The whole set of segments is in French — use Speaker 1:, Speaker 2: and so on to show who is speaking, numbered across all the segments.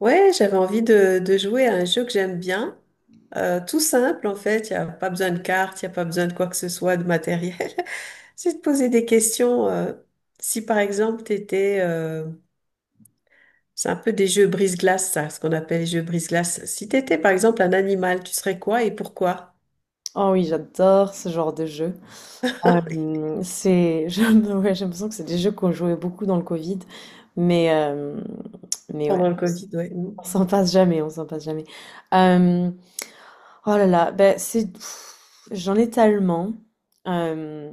Speaker 1: Ouais, j'avais envie de jouer à un jeu que j'aime bien. Tout simple, en fait. Il n'y a pas besoin de cartes, il n'y a pas besoin de quoi que ce soit, de matériel. C'est de poser des questions. Si, par exemple, tu étais. C'est un peu des jeux brise-glace, ça, ce qu'on appelle les jeux brise-glace. Si tu étais, par exemple, un animal, tu serais quoi et pourquoi?
Speaker 2: Oh oui, j'adore ce genre de jeu. Euh, c'est, je- ouais, j'ai l'impression que c'est des jeux qu'on jouait beaucoup dans le Covid, mais, euh, mais ouais,
Speaker 1: Pendant le Covid, ouais. Mm.
Speaker 2: on s'en passe jamais, on s'en passe jamais. Euh, oh là là, ben c'est, pff, j'en ai tellement, euh,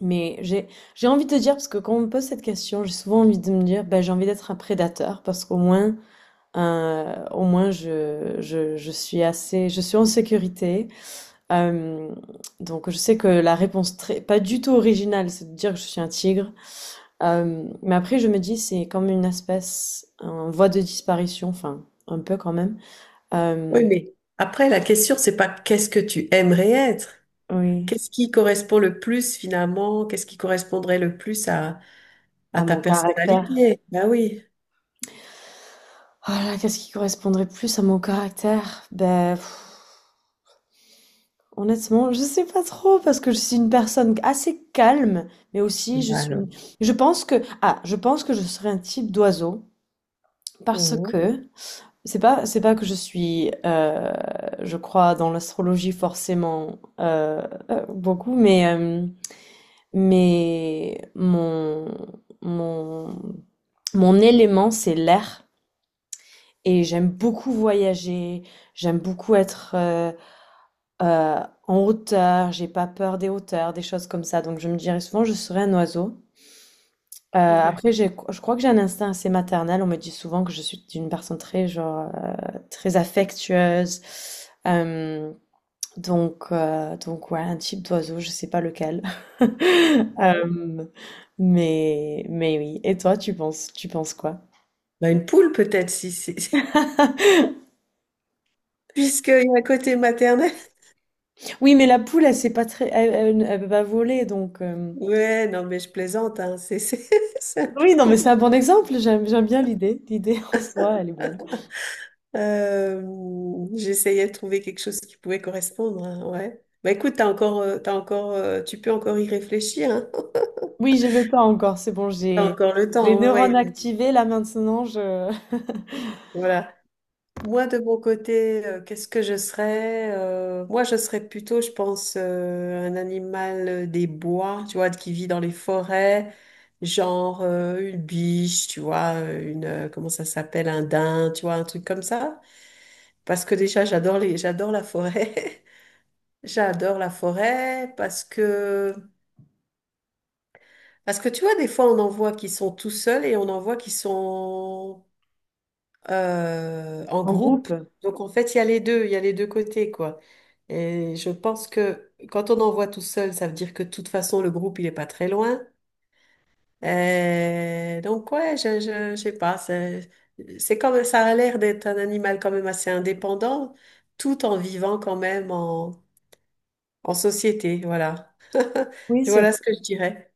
Speaker 2: mais j'ai, j'ai envie de te dire, parce que quand on me pose cette question, j'ai souvent envie de me dire, ben j'ai envie d'être un prédateur, parce qu'au moins, au moins je suis assez, je suis en sécurité. Euh, donc je sais que la réponse très, pas du tout originale, c'est de dire que je suis un tigre. Mais après je me dis c'est comme une espèce en voie de disparition, enfin un peu quand même. Euh,
Speaker 1: Oui, mais après, la question, c'est pas qu'est-ce que tu aimerais être?
Speaker 2: oui,
Speaker 1: Qu'est-ce qui correspond le plus, finalement? Qu'est-ce qui correspondrait le plus à
Speaker 2: à
Speaker 1: ta
Speaker 2: mon caractère.
Speaker 1: personnalité, bah oui.
Speaker 2: Oh là, qu'est-ce qui correspondrait plus à mon caractère? Ben pff, honnêtement, je sais pas trop parce que je suis une personne assez calme, mais aussi je
Speaker 1: Bah
Speaker 2: suis,
Speaker 1: alors.
Speaker 2: une- je pense que je serais un type d'oiseau parce
Speaker 1: Mhm.
Speaker 2: que C'est pas que je crois dans l'astrologie forcément beaucoup, mais mon mon élément c'est l'air et j'aime beaucoup voyager, j'aime beaucoup être euh, en hauteur, j'ai pas peur des hauteurs, des choses comme ça. Donc je me dirais souvent je serais un oiseau.
Speaker 1: Ouais.
Speaker 2: Après, je crois que j'ai un instinct assez maternel. On me dit souvent que je suis une personne très, genre, très affectueuse. Euh, donc, ouais, un type d'oiseau, je sais pas lequel.
Speaker 1: Ouais.
Speaker 2: Euh, mais oui. Et toi, tu penses quoi?
Speaker 1: Bah une poule peut-être, si, si, puisqu'il y a un côté maternel.
Speaker 2: Oui, mais la poule, elle sait pas elle peut pas voler, donc.
Speaker 1: Ouais, non, mais je plaisante, hein. C'est un peu
Speaker 2: Oui, non, mais
Speaker 1: bon.
Speaker 2: c'est un bon exemple. J'aime bien l'idée. L'idée en soi, elle est bonne.
Speaker 1: J'essayais de trouver quelque chose qui pouvait correspondre, hein. Ouais. Bah écoute, tu peux encore y réfléchir, hein.
Speaker 2: Oui, j'ai le temps encore. C'est bon,
Speaker 1: T'as
Speaker 2: j'ai
Speaker 1: encore le
Speaker 2: les
Speaker 1: temps, ouais.
Speaker 2: neurones
Speaker 1: Ouais.
Speaker 2: activés. Là maintenant, je
Speaker 1: Voilà. Moi, de mon côté, qu'est-ce que je serais? Moi, je serais plutôt, je pense, un animal des bois, tu vois, qui vit dans les forêts, genre une biche, tu vois, comment ça s'appelle, un daim, tu vois, un truc comme ça. Parce que déjà, j'adore la forêt. J'adore la forêt parce que tu vois, des fois, on en voit qui sont tout seuls et on en voit qui sont en
Speaker 2: En
Speaker 1: groupe.
Speaker 2: groupe?
Speaker 1: Donc, en fait, il y a les deux côtés, quoi. Et je pense que quand on envoie tout seul, ça veut dire que de toute façon, le groupe, il est pas très loin. Donc, ouais, je sais pas. C'est comme ça a l'air d'être un animal quand même assez indépendant, tout en vivant quand même en société. Voilà.
Speaker 2: Oui, c'est
Speaker 1: Voilà ce que je dirais.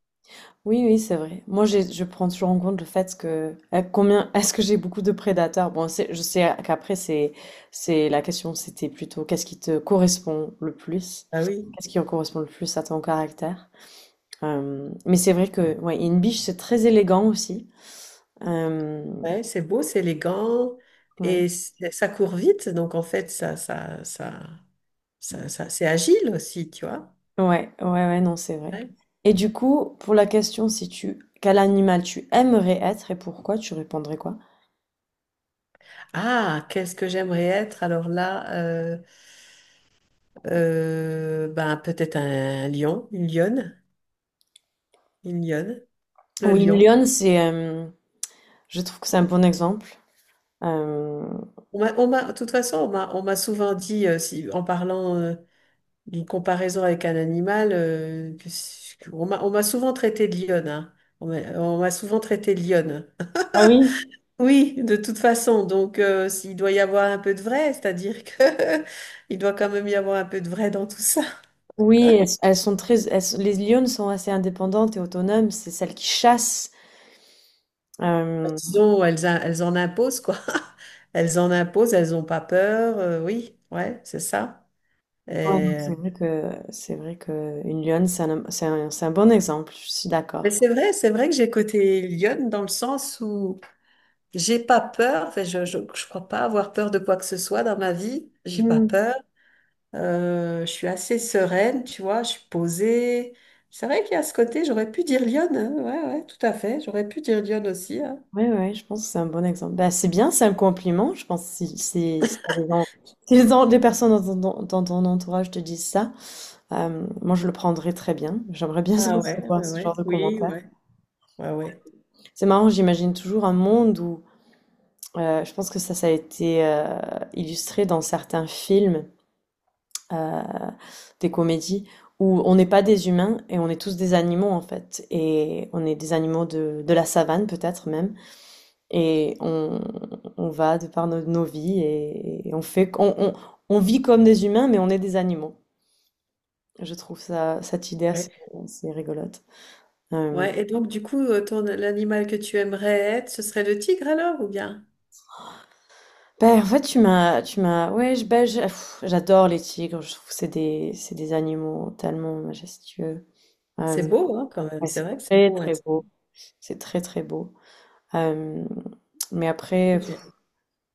Speaker 2: oui, oui, c'est vrai. Moi, je prends toujours en compte le fait que à combien est-ce que j'ai beaucoup de prédateurs? Bon, je sais qu'après c'est la question, c'était plutôt qu'est-ce qui te correspond le plus?
Speaker 1: Ah oui,
Speaker 2: Qu'est-ce qui correspond le plus à ton caractère? Mais c'est vrai que ouais, une biche c'est très élégant aussi. Euh,
Speaker 1: ouais, c'est beau, c'est élégant
Speaker 2: ouais.
Speaker 1: et ça court vite. Donc, en fait, c'est agile aussi, tu vois.
Speaker 2: Ouais, ouais, ouais, non, c'est vrai.
Speaker 1: Ouais.
Speaker 2: Et du coup, pour la question si tu quel animal tu aimerais être et pourquoi, tu répondrais quoi?
Speaker 1: Ah, qu'est-ce que j'aimerais être? Alors là, ben, peut-être un lion, une lionne, le
Speaker 2: Oui, une
Speaker 1: lion.
Speaker 2: lionne, c'est Je trouve que c'est un bon exemple. Euh,
Speaker 1: De toute façon, on m'a souvent dit, si, en parlant d'une comparaison avec un animal, que on m'a souvent traité de lionne, hein. On m'a souvent traité de lionne.
Speaker 2: Ah oui?
Speaker 1: Oui, de toute façon. Donc, s'il doit y avoir un peu de vrai, c'est-à-dire que il doit quand même y avoir un peu de vrai dans tout ça.
Speaker 2: Oui, elles, elles sont très, elles sont- les lionnes sont assez indépendantes et autonomes. C'est celles qui chassent. Euh,
Speaker 1: Elles en imposent, quoi. Elles en imposent, elles n'ont pas peur. Oui, ouais, c'est ça.
Speaker 2: Ouais. Donc
Speaker 1: Et-
Speaker 2: c'est vrai que une lionne, c'est un bon exemple. Je suis
Speaker 1: Mais
Speaker 2: d'accord.
Speaker 1: c'est vrai que j'ai côté lionne dans le sens où j'ai pas peur. Enfin, je crois pas avoir peur de quoi que ce soit dans ma vie. J'ai pas
Speaker 2: Oui,
Speaker 1: peur. Je suis assez sereine, tu vois. Je suis posée. C'est vrai qu'il y a ce côté, j'aurais pu dire lionne, hein. Ouais, ouais, tout à fait. J'aurais pu dire lionne aussi, hein.
Speaker 2: Ouais, ouais, je pense que c'est un bon exemple. Bah, c'est bien, c'est un compliment. Je pense que si t'as des gens- si les gens- des personnes dans ton entourage te disent ça, moi je le prendrais très bien. J'aimerais bien
Speaker 1: Ah ouais,
Speaker 2: recevoir
Speaker 1: ouais,
Speaker 2: ce
Speaker 1: ouais.
Speaker 2: genre de
Speaker 1: Oui,
Speaker 2: commentaires.
Speaker 1: ouais, ouais, ouais.
Speaker 2: C'est marrant, j'imagine toujours un monde où je pense que ça a été, illustré dans certains films, heu, des comédies où on n'est pas des humains et on est tous des animaux, en fait, et on est des animaux de la savane, peut-être même, et on va de par nos nos vies et on fait on vit comme des humains, mais on est des animaux. Je trouve ça cette idée
Speaker 1: Ouais.
Speaker 2: assez rigolote. Hem,
Speaker 1: Ouais, et donc du coup, ton l'animal que tu aimerais être, ce serait le tigre alors ou bien?
Speaker 2: bah, en fait, tu m'as ouais, je bah, je pff, j'adore les tigres, je trouve que c'est des animaux tellement majestueux.
Speaker 1: C'est
Speaker 2: Euh,
Speaker 1: beau, hein, quand même.
Speaker 2: Ouais,
Speaker 1: C'est
Speaker 2: c'est
Speaker 1: vrai que c'est
Speaker 2: très
Speaker 1: beau
Speaker 2: très
Speaker 1: être.
Speaker 2: beau. C'est très très beau. Euh, mais après, pff,
Speaker 1: Sujet.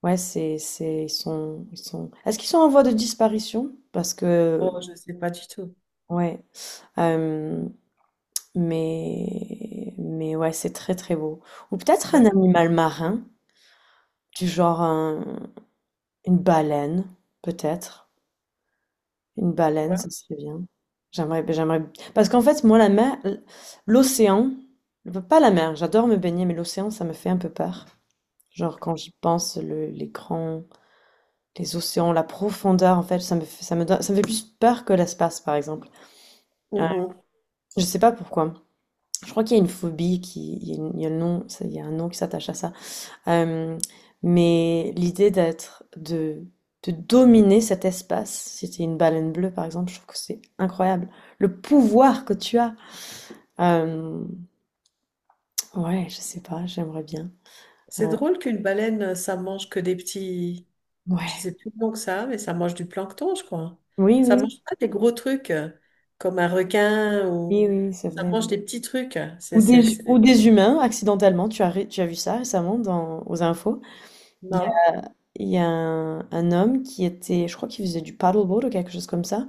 Speaker 2: ouais, ils sont, ils sont. Est-ce qu'ils sont en voie de disparition? Parce que,
Speaker 1: Oh, je sais pas du tout.
Speaker 2: ouais. Euh, mais ouais, c'est très très beau. Ou peut-être un
Speaker 1: D'accord.
Speaker 2: animal marin, du genre une baleine, peut-être. Une baleine, ça
Speaker 1: Pourquoi.
Speaker 2: serait bien. J'aimerais. Parce qu'en fait, moi, la mer, l'océan, pas la mer. J'adore me baigner, mais l'océan, ça me fait un peu peur. Genre quand j'y pense, l'écran, les océans, la profondeur, en fait, ça me fait plus peur que l'espace, par exemple. Euh,
Speaker 1: Mhm.
Speaker 2: je sais pas pourquoi. Je crois qu'il y a une phobie qui, il y a, une- il y a un nom qui s'attache à ça. Euh, mais l'idée de dominer cet espace, si t'es une baleine bleue, par exemple, je trouve que c'est incroyable. Le pouvoir que tu as. Euh, ouais, je sais pas, j'aimerais bien.
Speaker 1: C'est
Speaker 2: Euh,
Speaker 1: drôle qu'une baleine, ça mange que des petits. Je
Speaker 2: ouais.
Speaker 1: sais plus long que ça, mais ça mange du plancton, je crois.
Speaker 2: Oui,
Speaker 1: Ça
Speaker 2: oui,
Speaker 1: mange pas des gros trucs comme un requin ou
Speaker 2: oui, oui, oui, c'est
Speaker 1: ça
Speaker 2: vrai.
Speaker 1: mange
Speaker 2: Oui.
Speaker 1: des petits trucs. C'est,
Speaker 2: Ou
Speaker 1: c'est,
Speaker 2: des, ou
Speaker 1: c'est...
Speaker 2: des humains, accidentellement, tu as vu ça récemment aux infos. Il y a,
Speaker 1: Non.
Speaker 2: il y a un homme qui était, je crois qu'il faisait du paddleboard ou quelque chose comme ça,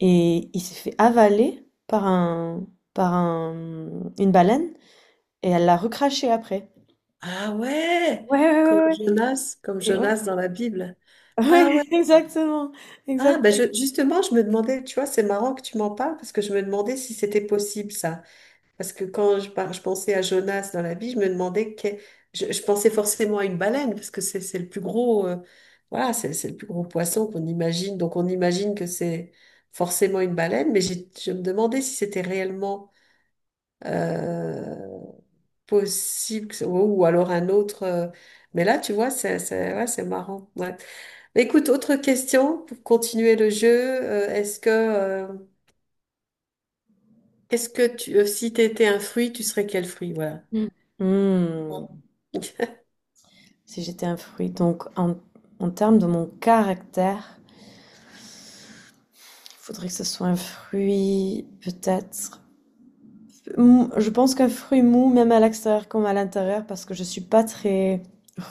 Speaker 2: et il s'est fait avaler par un, une baleine, et elle l'a recraché après.
Speaker 1: Ah ouais,
Speaker 2: Ouais, ouais, ouais, ouais.
Speaker 1: Comme
Speaker 2: Et ouais.
Speaker 1: Jonas dans la Bible. Ah
Speaker 2: Ouais,
Speaker 1: ouais.
Speaker 2: exactement,
Speaker 1: Ah,
Speaker 2: exact.
Speaker 1: ben justement, je me demandais, tu vois, c'est marrant que tu m'en parles parce que je me demandais si c'était possible ça. Parce que quand je pensais à Jonas dans la vie, je me demandais, que, je pensais forcément à une baleine parce que c'est le plus gros, voilà, c'est le plus gros poisson qu'on imagine. Donc on imagine que c'est forcément une baleine, mais je me demandais si c'était réellement euh, possible, ou alors un autre. Mais là, tu vois, ouais, c'est marrant. Ouais. Mais écoute, autre question pour continuer le jeu. Si tu étais un fruit, tu serais quel fruit? Voilà.
Speaker 2: Mm. Mm. Si j'étais un fruit, donc en termes de mon caractère, il faudrait que ce soit un fruit, peut-être. Je pense qu'un fruit mou, même à l'extérieur comme à l'intérieur, parce que je suis pas très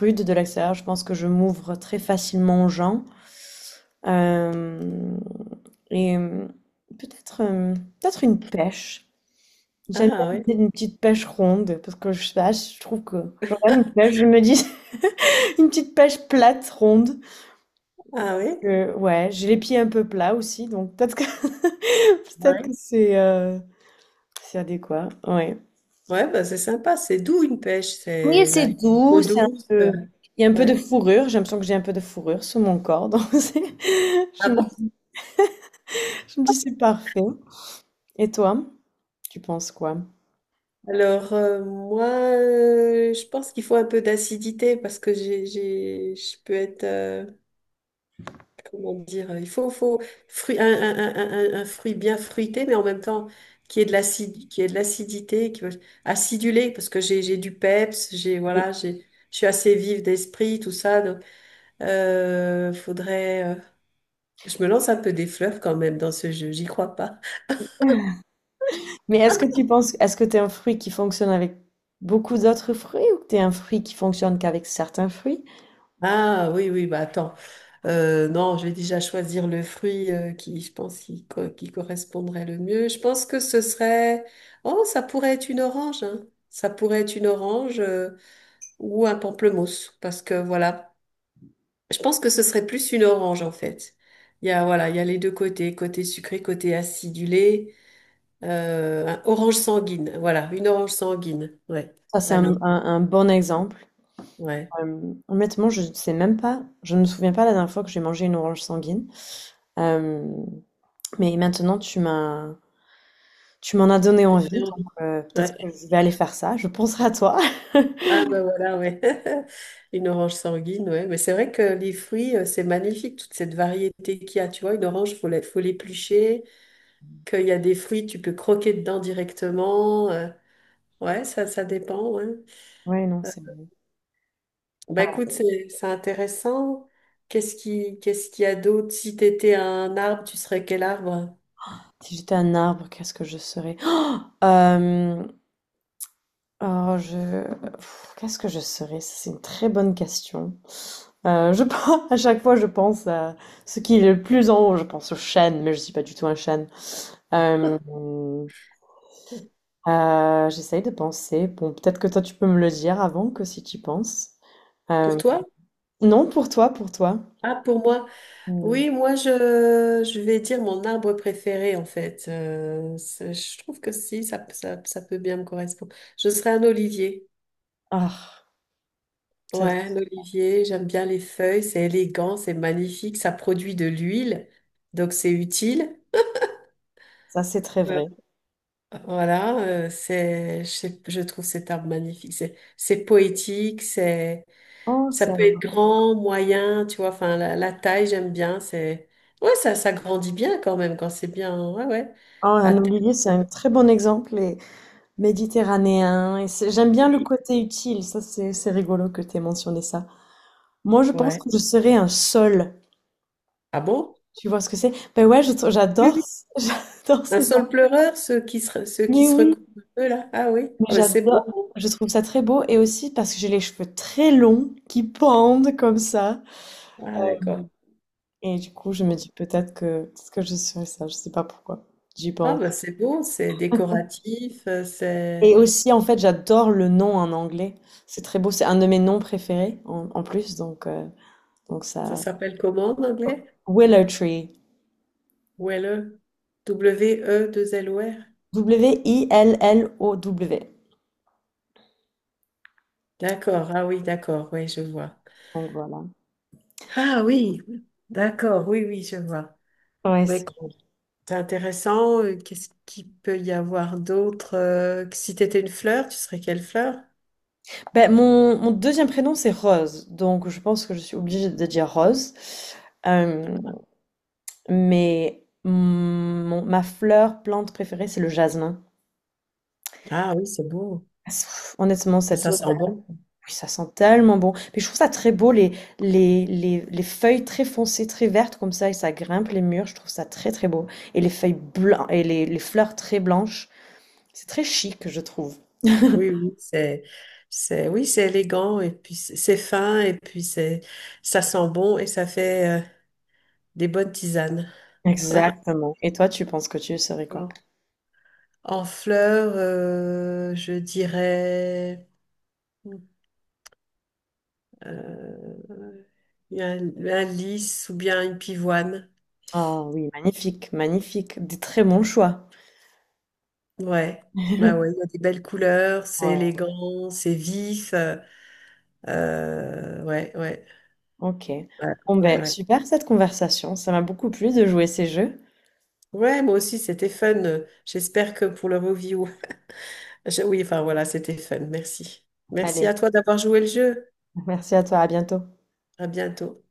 Speaker 2: rude de l'extérieur, je pense que je m'ouvre très facilement aux gens. Euh, et euh, peut-être peut-être une pêche. J'aime bien
Speaker 1: Ah oui,
Speaker 2: l'idée d'une petite pêche ronde, parce que je sais pas, je trouve que je regarde une pêche, je me dis une petite pêche plate, ronde.
Speaker 1: ah oui.
Speaker 2: Ouais, j'ai les pieds un peu plats aussi, donc peut-être que peut-être que
Speaker 1: Ouais.
Speaker 2: c'est adéquat. Ouais.
Speaker 1: Ouais, bah, c'est sympa. C'est doux une pêche. C'est là, il y a une peau douce.
Speaker 2: de- il y a un peu de
Speaker 1: Ouais.
Speaker 2: fourrure. J'ai l'impression que j'ai un peu de fourrure sous mon corps. Donc
Speaker 1: Ah
Speaker 2: je me,
Speaker 1: bon?
Speaker 2: dis, je me dis, c'est parfait. Et toi, tu penses quoi?
Speaker 1: Alors, moi, je pense qu'il faut un peu d'acidité parce que je peux être. Comment dire, il faut, faut fruit, un, un fruit bien fruité, mais en même temps qui est de l'acidité, qui acidulé, parce que j'ai du peps, j'ai voilà, j'ai, je suis assez vive d'esprit, tout ça. Donc, faudrait, je me lance un peu des fleurs quand même dans ce jeu, j'y crois pas.
Speaker 2: Mais est-ce que tu es un fruit qui fonctionne avec beaucoup d'autres fruits ou que tu es un fruit qui fonctionne qu'avec certains fruits?
Speaker 1: Ah oui, oui, bah attends. Non, je vais déjà choisir le fruit qui, je pense, qui correspondrait le mieux. Je pense que ce serait, oh, ça pourrait être une orange, hein. Ça pourrait être une orange. Ou un pamplemousse parce que voilà, je pense que ce serait plus une orange en fait. Il y a Voilà, il y a les deux côtés, côté sucré, côté acidulé, un orange sanguine, voilà, une orange sanguine. Ouais.
Speaker 2: Ça, c'est un, un-
Speaker 1: Allez,
Speaker 2: un bon exemple.
Speaker 1: ouais.
Speaker 2: Honnêtement, je ne sais même pas, je ne me souviens pas la dernière fois que j'ai mangé une orange sanguine. Euh, mais maintenant, tu m'en as donné
Speaker 1: J'en
Speaker 2: envie,
Speaker 1: ai envie.
Speaker 2: donc
Speaker 1: Ouais.
Speaker 2: peut-être que je vais aller faire ça. Je penserai à toi.
Speaker 1: Ah ben voilà, ouais. Une orange sanguine, ouais. Mais c'est vrai que les fruits, c'est magnifique, toute cette variété qu'il y a. Tu vois, une orange, faut l'éplucher, qu'il y a des fruits, tu peux croquer dedans directement. Ouais, ça dépend, ouais.
Speaker 2: Ouais, non, c'est bon.
Speaker 1: Bah écoute, c'est intéressant. Qu'est-ce qu'il y a d'autre? Si t'étais un arbre, tu serais quel arbre?
Speaker 2: Si j'étais un arbre, qu'est-ce que je serais? Oh, euh, oh, pff, qu'est-ce que je serais? Ça, c'est une très bonne question. Je pense, à chaque fois, je pense à ce qui est le plus en haut. Je pense au chêne, mais je suis pas du tout un chêne. Euh, J'essaye de penser. Bon, peut-être que toi, tu peux me le dire avant que si tu y penses.
Speaker 1: Pour
Speaker 2: Euh,
Speaker 1: toi?
Speaker 2: non, pour toi, pour toi.
Speaker 1: Ah, pour moi.
Speaker 2: Hmm.
Speaker 1: Oui, moi je vais dire mon arbre préféré en fait. Je trouve que si, ça peut bien me correspondre. Je serais un olivier.
Speaker 2: Ah, ça
Speaker 1: Ouais, un olivier, j'aime bien les feuilles, c'est élégant, c'est magnifique, ça produit de l'huile, donc c'est utile.
Speaker 2: Ça, c'est très
Speaker 1: Ouais.
Speaker 2: vrai.
Speaker 1: Voilà, je trouve cet arbre magnifique. C'est poétique, c'est.
Speaker 2: Oh,
Speaker 1: Ça peut être grand, moyen, tu vois, enfin la taille, j'aime bien, c'est ouais, ça grandit bien quand même quand c'est bien. Ouais, ouais.
Speaker 2: oh,
Speaker 1: À
Speaker 2: un
Speaker 1: terme,
Speaker 2: olivier, c'est un très bon exemple et méditerranéen. Et j'aime bien le
Speaker 1: oui.
Speaker 2: côté utile. Ça, c'est rigolo que tu aies mentionné ça. Moi, je pense
Speaker 1: Ouais.
Speaker 2: que je serais un sol.
Speaker 1: Ah bon?
Speaker 2: Tu vois ce que c'est? Ben ouais,
Speaker 1: Oui,
Speaker 2: j'adore,
Speaker 1: oui.
Speaker 2: j'adore
Speaker 1: Un
Speaker 2: ces
Speaker 1: sol
Speaker 2: gens.
Speaker 1: pleureur, ceux qui se ceux qui
Speaker 2: Mais
Speaker 1: se
Speaker 2: oui,
Speaker 1: recouvrent un peu là. Ah oui.
Speaker 2: mais
Speaker 1: Ah ben, c'est beau.
Speaker 2: j'adore. Je trouve ça très beau et aussi parce que j'ai les cheveux très longs qui pendent comme ça.
Speaker 1: Ah d'accord.
Speaker 2: Et du coup, je me dis peut-être que je serais ça. Je sais pas pourquoi. J'y
Speaker 1: Ah
Speaker 2: pense.
Speaker 1: ben c'est beau, c'est décoratif,
Speaker 2: Et
Speaker 1: c'est
Speaker 2: aussi, en fait, j'adore le nom en anglais. C'est très beau. C'est un de mes noms préférés en plus. Donc
Speaker 1: ça
Speaker 2: ça.
Speaker 1: s'appelle comment en anglais?
Speaker 2: Willow Tree.
Speaker 1: Welle. W E 2 L O R.
Speaker 2: Willow.
Speaker 1: D'accord. Ah oui, d'accord. Oui, je vois.
Speaker 2: Donc voilà.
Speaker 1: Ah oui. D'accord. Oui, oui, je vois.
Speaker 2: Ouais,
Speaker 1: Ouais, c'est intéressant. Qu'est-ce qu'il peut y avoir d'autre? Que si tu étais une fleur, tu serais quelle fleur?
Speaker 2: ben, mon deuxième prénom, c'est Rose. Donc je pense que je suis obligée de dire Rose. Euh, mais ma fleur, plante préférée, c'est le jasmin.
Speaker 1: Ah oui, c'est beau.
Speaker 2: Honnêtement, cette
Speaker 1: Ça
Speaker 2: Oui,
Speaker 1: sent bon.
Speaker 2: ça sent tellement bon. Puis je trouve ça très beau, les feuilles très foncées, très vertes comme ça, et ça grimpe les murs. Je trouve ça très très beau. Et les feuilles blanches, et les fleurs très blanches. C'est très chic, je trouve.
Speaker 1: Oui, oui, oui, c'est élégant et puis c'est fin et puis c'est, ça sent bon et ça fait des bonnes tisanes. Ouais.
Speaker 2: Exactement. Et toi, tu penses que tu serais quoi?
Speaker 1: Bon. En fleur, je dirais euh, un lys ou bien une pivoine.
Speaker 2: Oh oui, magnifique, magnifique. Des très bons choix.
Speaker 1: Ouais, bah ouais, il y a des belles couleurs, c'est
Speaker 2: Ouais,
Speaker 1: élégant, c'est vif. Ouais, ouais,
Speaker 2: ok.
Speaker 1: ouais,
Speaker 2: Bon
Speaker 1: ouais,
Speaker 2: ben,
Speaker 1: ouais.
Speaker 2: super cette conversation. Ça m'a beaucoup plu de jouer ces jeux.
Speaker 1: Ouais, moi aussi, c'était fun. J'espère que pour le review. Oui, enfin voilà, c'était fun. Merci. Merci
Speaker 2: Allez,
Speaker 1: à toi d'avoir joué le jeu.
Speaker 2: merci à toi, à bientôt.
Speaker 1: À bientôt.